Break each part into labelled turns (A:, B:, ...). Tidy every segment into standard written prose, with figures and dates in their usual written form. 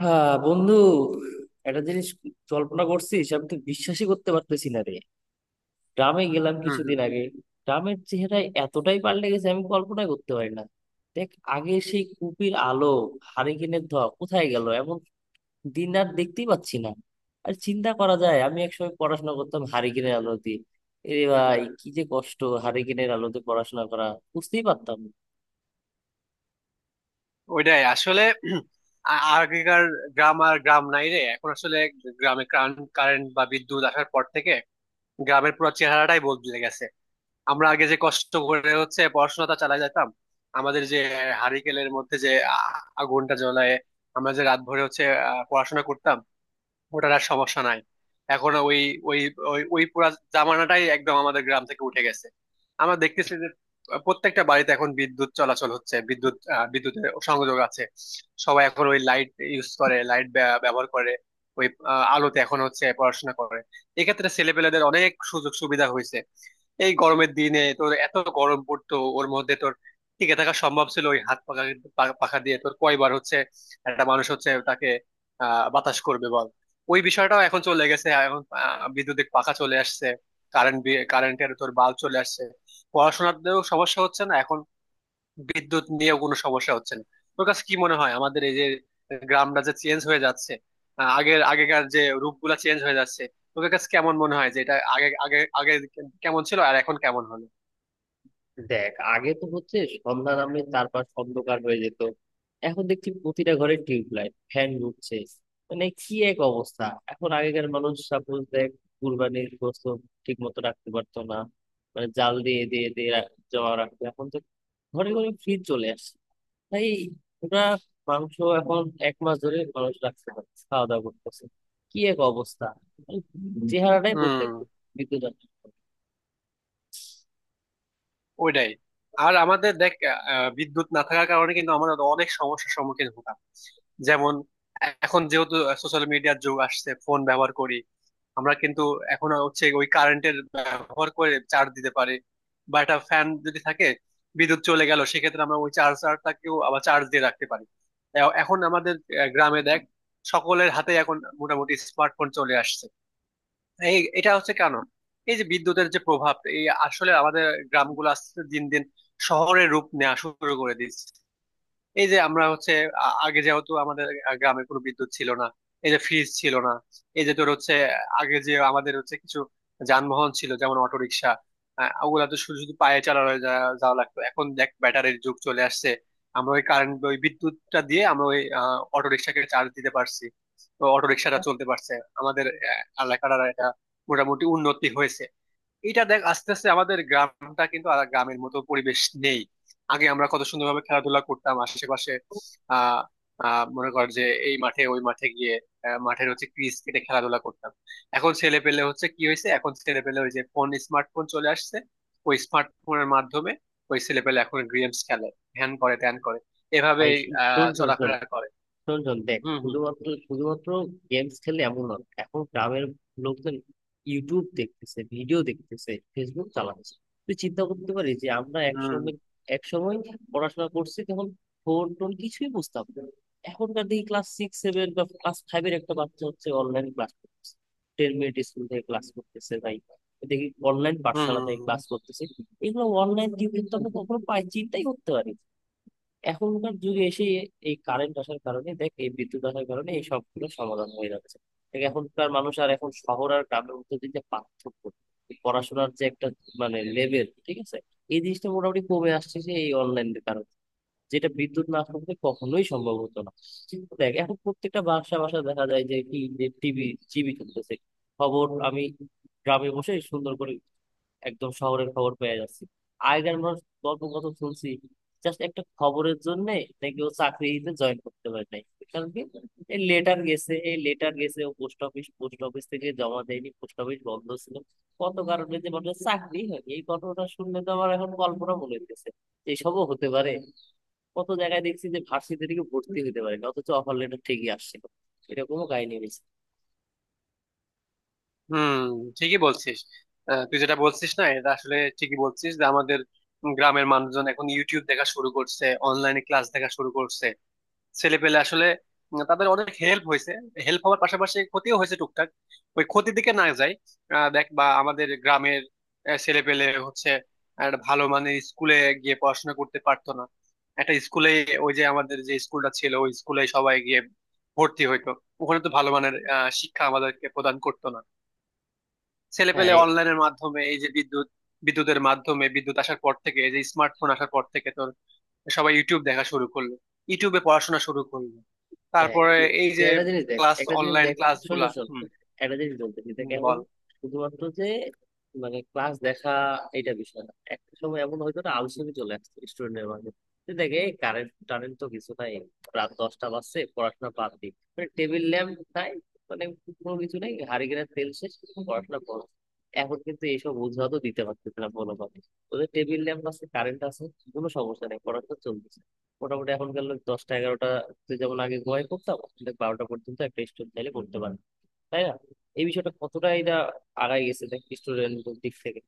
A: হ্যাঁ বন্ধু, একটা জিনিস কল্পনা করছিস! আমি তো বিশ্বাসই করতে পারতেছি না রে। গ্রামে গেলাম
B: হম হম।
A: কিছুদিন আগে, গ্রামের চেহারায় এতটাই পাল্টে গেছে আমি কল্পনাই করতে পারি না। দেখ, আগে সেই কুপির আলো, হারিকেনের ধোঁয়া, কোথায় গেল, এমন দিন আর দেখতেই পাচ্ছি না। আর চিন্তা করা যায়, আমি একসময় পড়াশোনা করতাম হারিকেনের আলোতে। এ ভাই, কি যে কষ্ট হারিকেনের আলোতে পড়াশোনা করা বুঝতেই পারতাম না।
B: ওইটাই আসলে আগেকার গ্রাম আর গ্রাম নাই রে এখন আসলে। গ্রামে কারেন্ট বা বিদ্যুৎ আসার পর থেকে গ্রামের পুরো চেহারাটাই বদলে গেছে। আমরা আগে যে কষ্ট করে হচ্ছে পড়াশোনাটা চালাই যেতাম, আমাদের যে হারিকেলের মধ্যে যে আগুনটা জ্বলায় আমরা যে রাত ভরে হচ্ছে পড়াশোনা করতাম, ওটার আর সমস্যা নাই এখন। ওই ওই ওই ওই পুরা জামানাটাই একদম আমাদের গ্রাম থেকে উঠে গেছে। আমরা দেখতেছি যে প্রত্যেকটা বাড়িতে এখন বিদ্যুৎ চলাচল হচ্ছে, বিদ্যুৎ বিদ্যুতের সংযোগ আছে। সবাই এখন ওই লাইট ইউজ করে, লাইট ব্যবহার করে ওই আলোতে এখন হচ্ছে পড়াশোনা করে। এক্ষেত্রে ছেলেপেলেদের অনেক সুযোগ সুবিধা হয়েছে। এই গরমের দিনে তোর এত গরম পড়তো, ওর মধ্যে তোর টিকে থাকা সম্ভব ছিল ওই হাত পাখা পাখা দিয়ে? তোর কয়বার হচ্ছে একটা মানুষ হচ্ছে তাকে আহ বাতাস করবে, বল। ওই বিষয়টাও এখন চলে গেছে, এখন বিদ্যুতিক পাখা চলে আসছে। কারেন্ট কারেন্টের তোর বাল্ব চলে আসছে, পড়াশোনাতেও সমস্যা হচ্ছে না এখন, বিদ্যুৎ নিয়েও কোনো সমস্যা হচ্ছে না। তোর কাছে কি মনে হয় আমাদের এই যে গ্রামটা যে চেঞ্জ হয়ে যাচ্ছে, আগেকার যে রূপগুলা চেঞ্জ হয়ে যাচ্ছে, তোর কাছে কেমন মনে হয় যে এটা আগে আগে আগে কেমন ছিল আর এখন কেমন হলো?
A: দেখ, আগে তো হচ্ছে সন্ধ্যা নামলে চারপাশ অন্ধকার হয়ে যেত, এখন দেখছি প্রতিটা ঘরে টিউবলাইট, ফ্যান ঘুরছে। মানে কি এক অবস্থা! এখন আগেকার মানুষ, সাপোজ দেখ, কুরবানির গোশত ঠিক মতো রাখতে পারতো না, মানে জাল দিয়ে দিয়ে দিয়ে রাখ- জমা রাখতো। এখন তো ঘরে ঘরে ফ্রিজ চলে আসছে, তাই ওরা মাংস এখন 1 মাস ধরে মানুষ রাখতে পারছে, খাওয়া দাওয়া করতেছে। কি এক অবস্থা, মানে চেহারাটাই বলতে
B: হুম।
A: বিদ্যুৎ।
B: ওইটাই। আর আমাদের দেখ বিদ্যুৎ না থাকার কারণে কিন্তু আমরা অনেক সমস্যার সম্মুখীন হতাম। যেমন, এখন যেহেতু সোশ্যাল মিডিয়ার যুগ আসছে, ফোন ব্যবহার করি আমরা কিন্তু এখন হচ্ছে ওই কারেন্টের ব্যবহার করে চার্জ দিতে পারি। বা একটা ফ্যান যদি থাকে, বিদ্যুৎ চলে গেল, সেক্ষেত্রে আমরা ওই চার্জারটাকেও আবার চার্জ দিয়ে রাখতে পারি। এখন আমাদের গ্রামে দেখ সকলের হাতে এখন মোটামুটি স্মার্টফোন চলে আসছে। এই এটা হচ্ছে কেন? এই যে বিদ্যুতের যে প্রভাব, এই আসলে আমাদের গ্রামগুলো আস্তে আস্তে দিন দিন শহরের রূপ নেওয়া শুরু করে দিচ্ছে। এই যে আমরা হচ্ছে আগে যেহেতু আমাদের গ্রামে কোনো বিদ্যুৎ ছিল না, এই যে ফ্রিজ ছিল না, এই যে তোর হচ্ছে আগে যে আমাদের হচ্ছে কিছু যানবাহন ছিল যেমন অটো রিক্সা, ওগুলা তো শুধু শুধু পায়ে চালানো যাওয়া লাগতো। এখন দেখ ব্যাটারির যুগ চলে আসছে, আমরা ওই কারেন্ট ওই বিদ্যুৎটা দিয়ে আমরা ওই অটো রিক্সাকে চার্জ দিতে পারছি, তো অটো রিক্সাটা চলতে পারছে। আমাদের এলাকার আর এটা মোটামুটি উন্নতি হয়েছে। এটা দেখ আস্তে আস্তে আমাদের গ্রামটা কিন্তু আর গ্রামের মতো পরিবেশ নেই। আগে আমরা কত সুন্দরভাবে খেলাধুলা করতাম আশেপাশে। আহ আহ মনে কর যে এই মাঠে ওই মাঠে গিয়ে মাঠের হচ্ছে ক্রিজ কেটে খেলাধুলা করতাম। এখন ছেলে পেলে হচ্ছে কি হয়েছে, এখন ছেলে পেলে ওই যে ফোন স্মার্টফোন চলে আসছে, ওই স্মার্টফোনের মাধ্যমে ওই ছেলে পেলে এখন গেমস খেলে, ধ্যান করে ধ্যান করে
A: ভাই
B: এভাবেই
A: শোন শোন শোন,
B: চলাফেরা করে।
A: শোন শোন, দেখ,
B: হুম হুম
A: শুধুমাত্র শুধুমাত্র গেমস খেলে এমন না, এখন গ্রামের লোকজন ইউটিউব দেখতেছে, ভিডিও দেখতেছে, ফেসবুক চালাচ্ছে। তুই চিন্তা করতে পারিস যে আমরা
B: হুম
A: একসময় একসময় পড়াশোনা করছি তখন ফোন টোন কিছুই বুঝতাম না। এখনকার দেখি ক্লাস সিক্স সেভেন বা ক্লাস ফাইভের একটা বাচ্চা হচ্ছে অনলাইন ক্লাস করতেছে, টেন মিনিট স্কুল থেকে ক্লাস করতেছে ভাই। দেখি অনলাইন
B: হুম। হুম
A: পাঠশালা থেকে
B: হুম
A: ক্লাস করতেছে। এগুলো অনলাইন জীবন তো আমরা
B: হুম
A: কখনো পাই, চিন্তাই করতে পারি না। এখনকার যুগে এসে এই কারেন্ট আসার কারণে, দেখ এই বিদ্যুৎ আসার কারণে এই সবগুলো সমাধান হয়ে যাচ্ছে। দেখ এখনকার মানুষ, আর এখন শহর আর গ্রামের মধ্যে যে একটা পার্থক্য, এই পড়াশোনার যে একটা মানে লেভেল, ঠিক আছে, এই জিনিসটা মোটামুটি কমে আসছে, যে এই অনলাইনের কারণে, যেটা বিদ্যুৎ না থাকলে কখনোই সম্ভব হতো না। কিন্তু দেখ, এখন প্রত্যেকটা বাসা বাসা দেখা যায় যে কি, যে টিভি টিভি চলতেছে, খবর আমি গ্রামে বসে সুন্দর করে একদম শহরের খবর পেয়ে যাচ্ছি। আগের মানুষ গল্প কত শুনছি জাস্ট একটা খবরের জন্য নাকি ও চাকরিতে জয়েন করতে পারে নাই। কারণ কি? এই লেটার গেছে, এই লেটার গেছে, ও পোস্ট অফিস থেকে জমা দেয়নি, পোস্ট অফিস বন্ধ ছিল। কত কারণে যে মানুষের চাকরি হয়, এই ঘটনাটা শুনলে তো আমার এখন কল্পনা মনে হইতেছে যে এসবও হতে পারে। কত জায়গায় দেখছি যে ভার্সিটি থেকে ভর্তি হতে পারে না, অথচ অফার লেটার ঠিকই আসছিল। এরকমও কাহিনী হয়েছে।
B: হুম। ঠিকই বলছিস। তুই যেটা বলছিস না, এটা আসলে ঠিকই বলছিস যে আমাদের গ্রামের মানুষজন এখন ইউটিউব দেখা শুরু করছে, অনলাইনে ক্লাস দেখা শুরু করছে। ছেলে পেলে আসলে তাদের অনেক হেল্প হয়েছে। হেল্প হওয়ার পাশাপাশি ক্ষতিও হয়েছে টুকটাক, ওই ক্ষতির দিকে না যায়। দেখ বা আমাদের গ্রামের ছেলে পেলে হচ্ছে একটা ভালো মানের স্কুলে গিয়ে পড়াশোনা করতে পারতো না, একটা স্কুলে, ওই যে আমাদের যে স্কুলটা ছিল ওই স্কুলে সবাই গিয়ে ভর্তি হইতো। ওখানে তো ভালো মানের শিক্ষা আমাদেরকে প্রদান করতো না। ছেলে পেলে
A: হ্যাঁ,
B: অনলাইনের মাধ্যমে, এই যে বিদ্যুৎ বিদ্যুতের মাধ্যমে, বিদ্যুৎ আসার পর থেকে, এই যে স্মার্টফোন আসার পর থেকে তোর সবাই ইউটিউব দেখা শুরু করলো, ইউটিউবে পড়াশোনা শুরু করলো।
A: দেখ,
B: তারপরে
A: তুই
B: এই
A: তুই
B: যে
A: একটা জিনিস দেখ,
B: ক্লাস
A: একটা জিনিস
B: অনলাইন
A: দেখ,
B: ক্লাস
A: শোন
B: গুলা।
A: শোন
B: হুম।
A: শোন, একটা জিনিস বলতেছি। দেখ
B: হুম,
A: এখন
B: বল।
A: শুধুমাত্র যে মানে ক্লাস দেখা, এটা বিষয় না, একটা সময় এমন হয়তো না, আলসেমি চলে আসছে স্টুডেন্টের মাঝে। তুই দেখ, এই কারেন্ট টারেন্ট তো কিছু নাই, রাত 10টা বাজছে, পড়াশোনা বাদ দি, মানে টেবিল ল্যাম্প নাই, মানে কোনো কিছু নাই, হারিকেনের তেল শেষ, পড়াশোনা করো। এখন কিন্তু এইসব অজুহাতও দিতে পারতেছে না কোনোভাবে। ওদের টেবিল ল্যাম্প আছে, কারেন্ট আছে, কোনো সমস্যা নেই, পড়াশোনা চলতেছে মোটামুটি। এখনকার লোক দশটা, এগারোটা, তুই যেমন আগে ঘুমাই পড়তাম, দেখ 12টা পর্যন্ত একটা স্টুডেন্ট চাইলে পড়তে পারে, তাই না? এই বিষয়টা কতটা, এটা আগায় গেছে দেখ স্টুডেন্টদের দিক থেকে।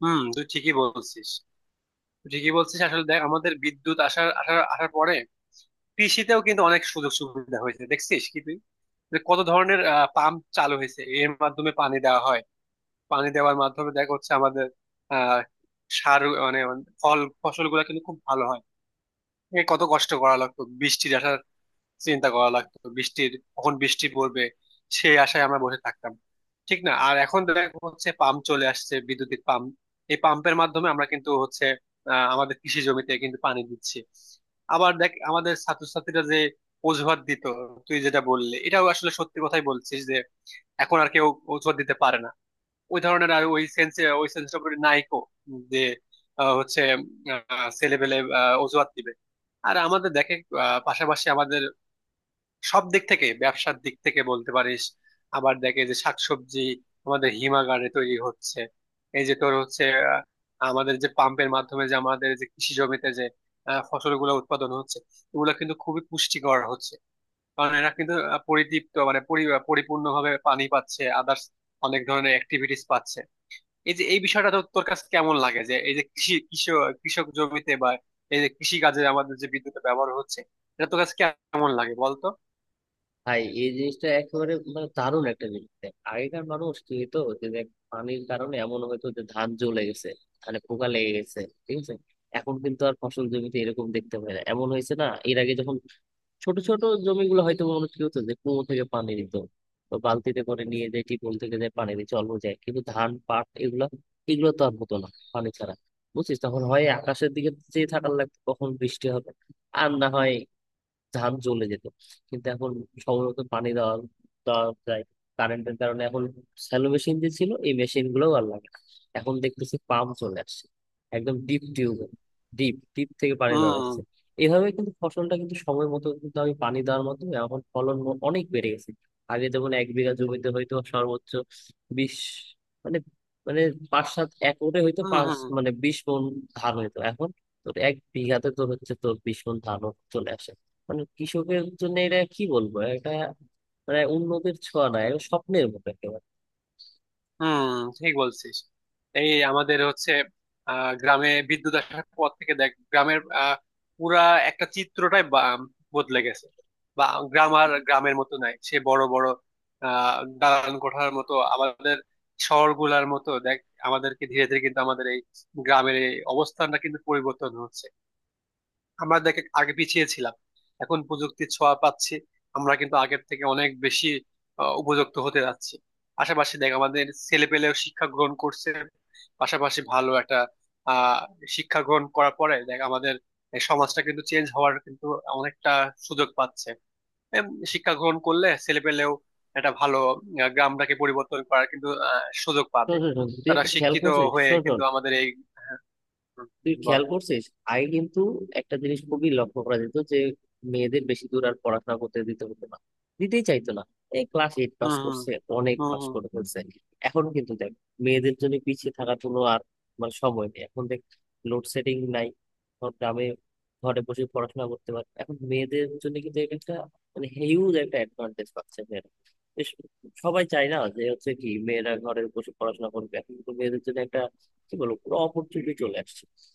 B: হুম, তুই ঠিকই বলছিস। তুই ঠিকই বলছিস আসলে দেখ আমাদের বিদ্যুৎ আসার আসার আসার পরে কৃষিতেও কিন্তু অনেক সুযোগ সুবিধা হয়েছে দেখছিস কি তুই? যে কত ধরনের পাম্প চালু হয়েছে, এর মাধ্যমে পানি দেওয়া হয়। পানি দেওয়ার মাধ্যমে দেখা হচ্ছে আমাদের আহ সার মানে ফল ফসল গুলা কিন্তু খুব ভালো হয়। এ কত কষ্ট করা লাগতো বৃষ্টির আশার, চিন্তা করা লাগতো বৃষ্টির কখন বৃষ্টি পড়বে, সেই আশায় আমরা বসে থাকতাম, ঠিক না? আর এখন দেখা হচ্ছে পাম্প চলে আসছে, বিদ্যুতিক পাম্প। এই পাম্পের মাধ্যমে আমরা কিন্তু হচ্ছে আমাদের কৃষি জমিতে কিন্তু পানি দিচ্ছি। আবার দেখ আমাদের ছাত্রছাত্রীরা যে অজুহাত দিত, তুই যেটা বললি এটাও আসলে সত্যি কথাই বলছিস যে এখন আর কেউ অজুহাত দিতে পারে না ওই ধরনের, আর ওই সেন্সে ওই সেন্সটা করে নাইকো যে হচ্ছে ছেলেবেলে অজুহাত দিবে। আর আমাদের দেখে পাশাপাশি আমাদের সব দিক থেকে, ব্যবসার দিক থেকে বলতে পারিস। আবার দেখে যে শাকসবজি আমাদের হিমাগারে তৈরি হচ্ছে। এই যে তোর হচ্ছে আহ, আমাদের যে পাম্পের মাধ্যমে যে আমাদের যে কৃষি জমিতে যে ফসলগুলো উৎপাদন হচ্ছে, এগুলো কিন্তু খুবই পুষ্টিকর হচ্ছে। কারণ এরা কিন্তু পরিতৃপ্ত মানে পরিপূর্ণভাবে পানি পাচ্ছে, আদার্স অনেক ধরনের অ্যাক্টিভিটিস পাচ্ছে। এই যে এই বিষয়টা তো তোর কাছে কেমন লাগে যে এই যে কৃষি কৃষক কৃষক জমিতে বা এই যে কৃষি কাজে আমাদের যে বিদ্যুতের ব্যবহার হচ্ছে, এটা তোর কাছে কেমন লাগে বলতো?
A: ভাই এই জিনিসটা একেবারে মানে দারুণ একটা জিনিস। দেখ আগেকার মানুষ কি হতো, যে দেখ পানির কারণে এমন হয়তো যে ধান জ্বলে গেছে, ধানে পোকা লেগে গেছে, ঠিক আছে। এখন কিন্তু আর ফসল জমিতে এরকম দেখতে পাই না। এমন হয়েছে না, এর আগে যখন ছোট ছোট জমিগুলো হয়তো, মানুষ কি হতো, যে কুয়ো থেকে পানি দিত বা বালতিতে করে নিয়ে যায়, টিউবওয়েল থেকে যায় পানি দিয়ে চলবো যায়, কিন্তু ধান পাট এগুলা, এগুলো তো আর হতো না পানি ছাড়া। বুঝছিস? তখন হয় আকাশের দিকে চেয়ে থাকার লাগতো কখন বৃষ্টি হবে, আর না হয় ধান জ্বলে যেত। কিন্তু এখন সময়মতো পানি দেওয়া দেওয়া যায় কারেন্টের কারণে। এখন শ্যালো মেশিন যে ছিল, এই মেশিন গুলোও আর লাগে না। এখন দেখতেছি পাম্প চলে আসছে, একদম ডিপ টিউব ডিপ ডিপ থেকে পানি দেওয়া
B: হম
A: যাচ্ছে। এইভাবে কিন্তু ফসলটা কিন্তু সময় মতো কিন্তু আমি পানি দেওয়ার মাধ্যমে এখন অনেক বেড়ে গেছে। আগে যেমন 1 বিঘা জমিতে হয়তো সর্বোচ্চ বিশ, মানে, মানে পাঁচ সাত একরে হয়তো
B: হম
A: পাঁচ,
B: হম।
A: মানে 20 মণ ধান হইতো, এখন তোর 1 বিঘাতে তোর হচ্ছে তোর 20 মণ ধান চলে আসে। মানে কৃষকের জন্য এটা কি বলবো, এটা মানে উন্নতির ছোঁয়া না, এটা স্বপ্নের মতো একেবারে।
B: হুম, ঠিক বলছিস। এই আমাদের হচ্ছে গ্রামে বিদ্যুৎ আসার পর থেকে দেখ গ্রামের পুরা একটা চিত্রটাই বদলে গেছে। বা গ্রাম আর গ্রামের মতো নাই, সে বড় বড় আহ দালান কোঠার মতো আমাদের শহরগুলার মতো দেখ আমাদেরকে ধীরে ধীরে কিন্তু আমাদের এই গ্রামের এই অবস্থানটা কিন্তু পরিবর্তন হচ্ছে। আমরা দেখ আগে পিছিয়ে ছিলাম, এখন প্রযুক্তির ছোঁয়া পাচ্ছি, আমরা কিন্তু আগের থেকে অনেক বেশি উপযুক্ত হতে যাচ্ছি। পাশাপাশি দেখ আমাদের ছেলে পেলেও শিক্ষা গ্রহণ করছে, পাশাপাশি ভালো একটা আহ শিক্ষা গ্রহণ করার পরে দেখ আমাদের এই সমাজটা কিন্তু চেঞ্জ হওয়ার কিন্তু অনেকটা সুযোগ পাচ্ছে। এম, শিক্ষা গ্রহণ করলে ছেলে পেলেও একটা ভালো গ্রামটাকে পরিবর্তন করার কিন্তু সুযোগ
A: শোন
B: পাবে।
A: শোন শোন, তুই
B: তারা
A: একটা খেয়াল
B: শিক্ষিত
A: করছিস?
B: হয়ে
A: শোন শোন,
B: কিন্তু আমাদের এই হ্যাঁ,
A: তুই
B: হুম, বল।
A: খেয়াল করছিস, আগে কিন্তু একটা জিনিস খুবই লক্ষ্য করা যেত, যে মেয়েদের বেশি দূর আর পড়াশোনা করতে দিতে হতো না, দিতেই চাইতো না। এই ক্লাস এইট পাস
B: হুম হুম
A: করছে অনেক,
B: হুম
A: পাস
B: হুম।
A: করে ফেলছে। এখন কিন্তু দেখ মেয়েদের জন্য পিছিয়ে থাকার কোনো আর মানে সময় নেই। এখন দেখ লোডশেডিং নাই সব গ্রামে, ঘরে বসে পড়াশোনা করতে পারে। এখন মেয়েদের জন্য কিন্তু এটা একটা মানে হিউজ একটা অ্যাডভান্টেজ পাচ্ছে মেয়েরা। বেশ, সবাই চায় না যে হচ্ছে কি মেয়েরা ঘরে বসে পড়াশোনা করবে, এখন কিন্তু মেয়েদের জন্য একটা কি বলবো পুরো অপরচুনিটি চলে আসছে।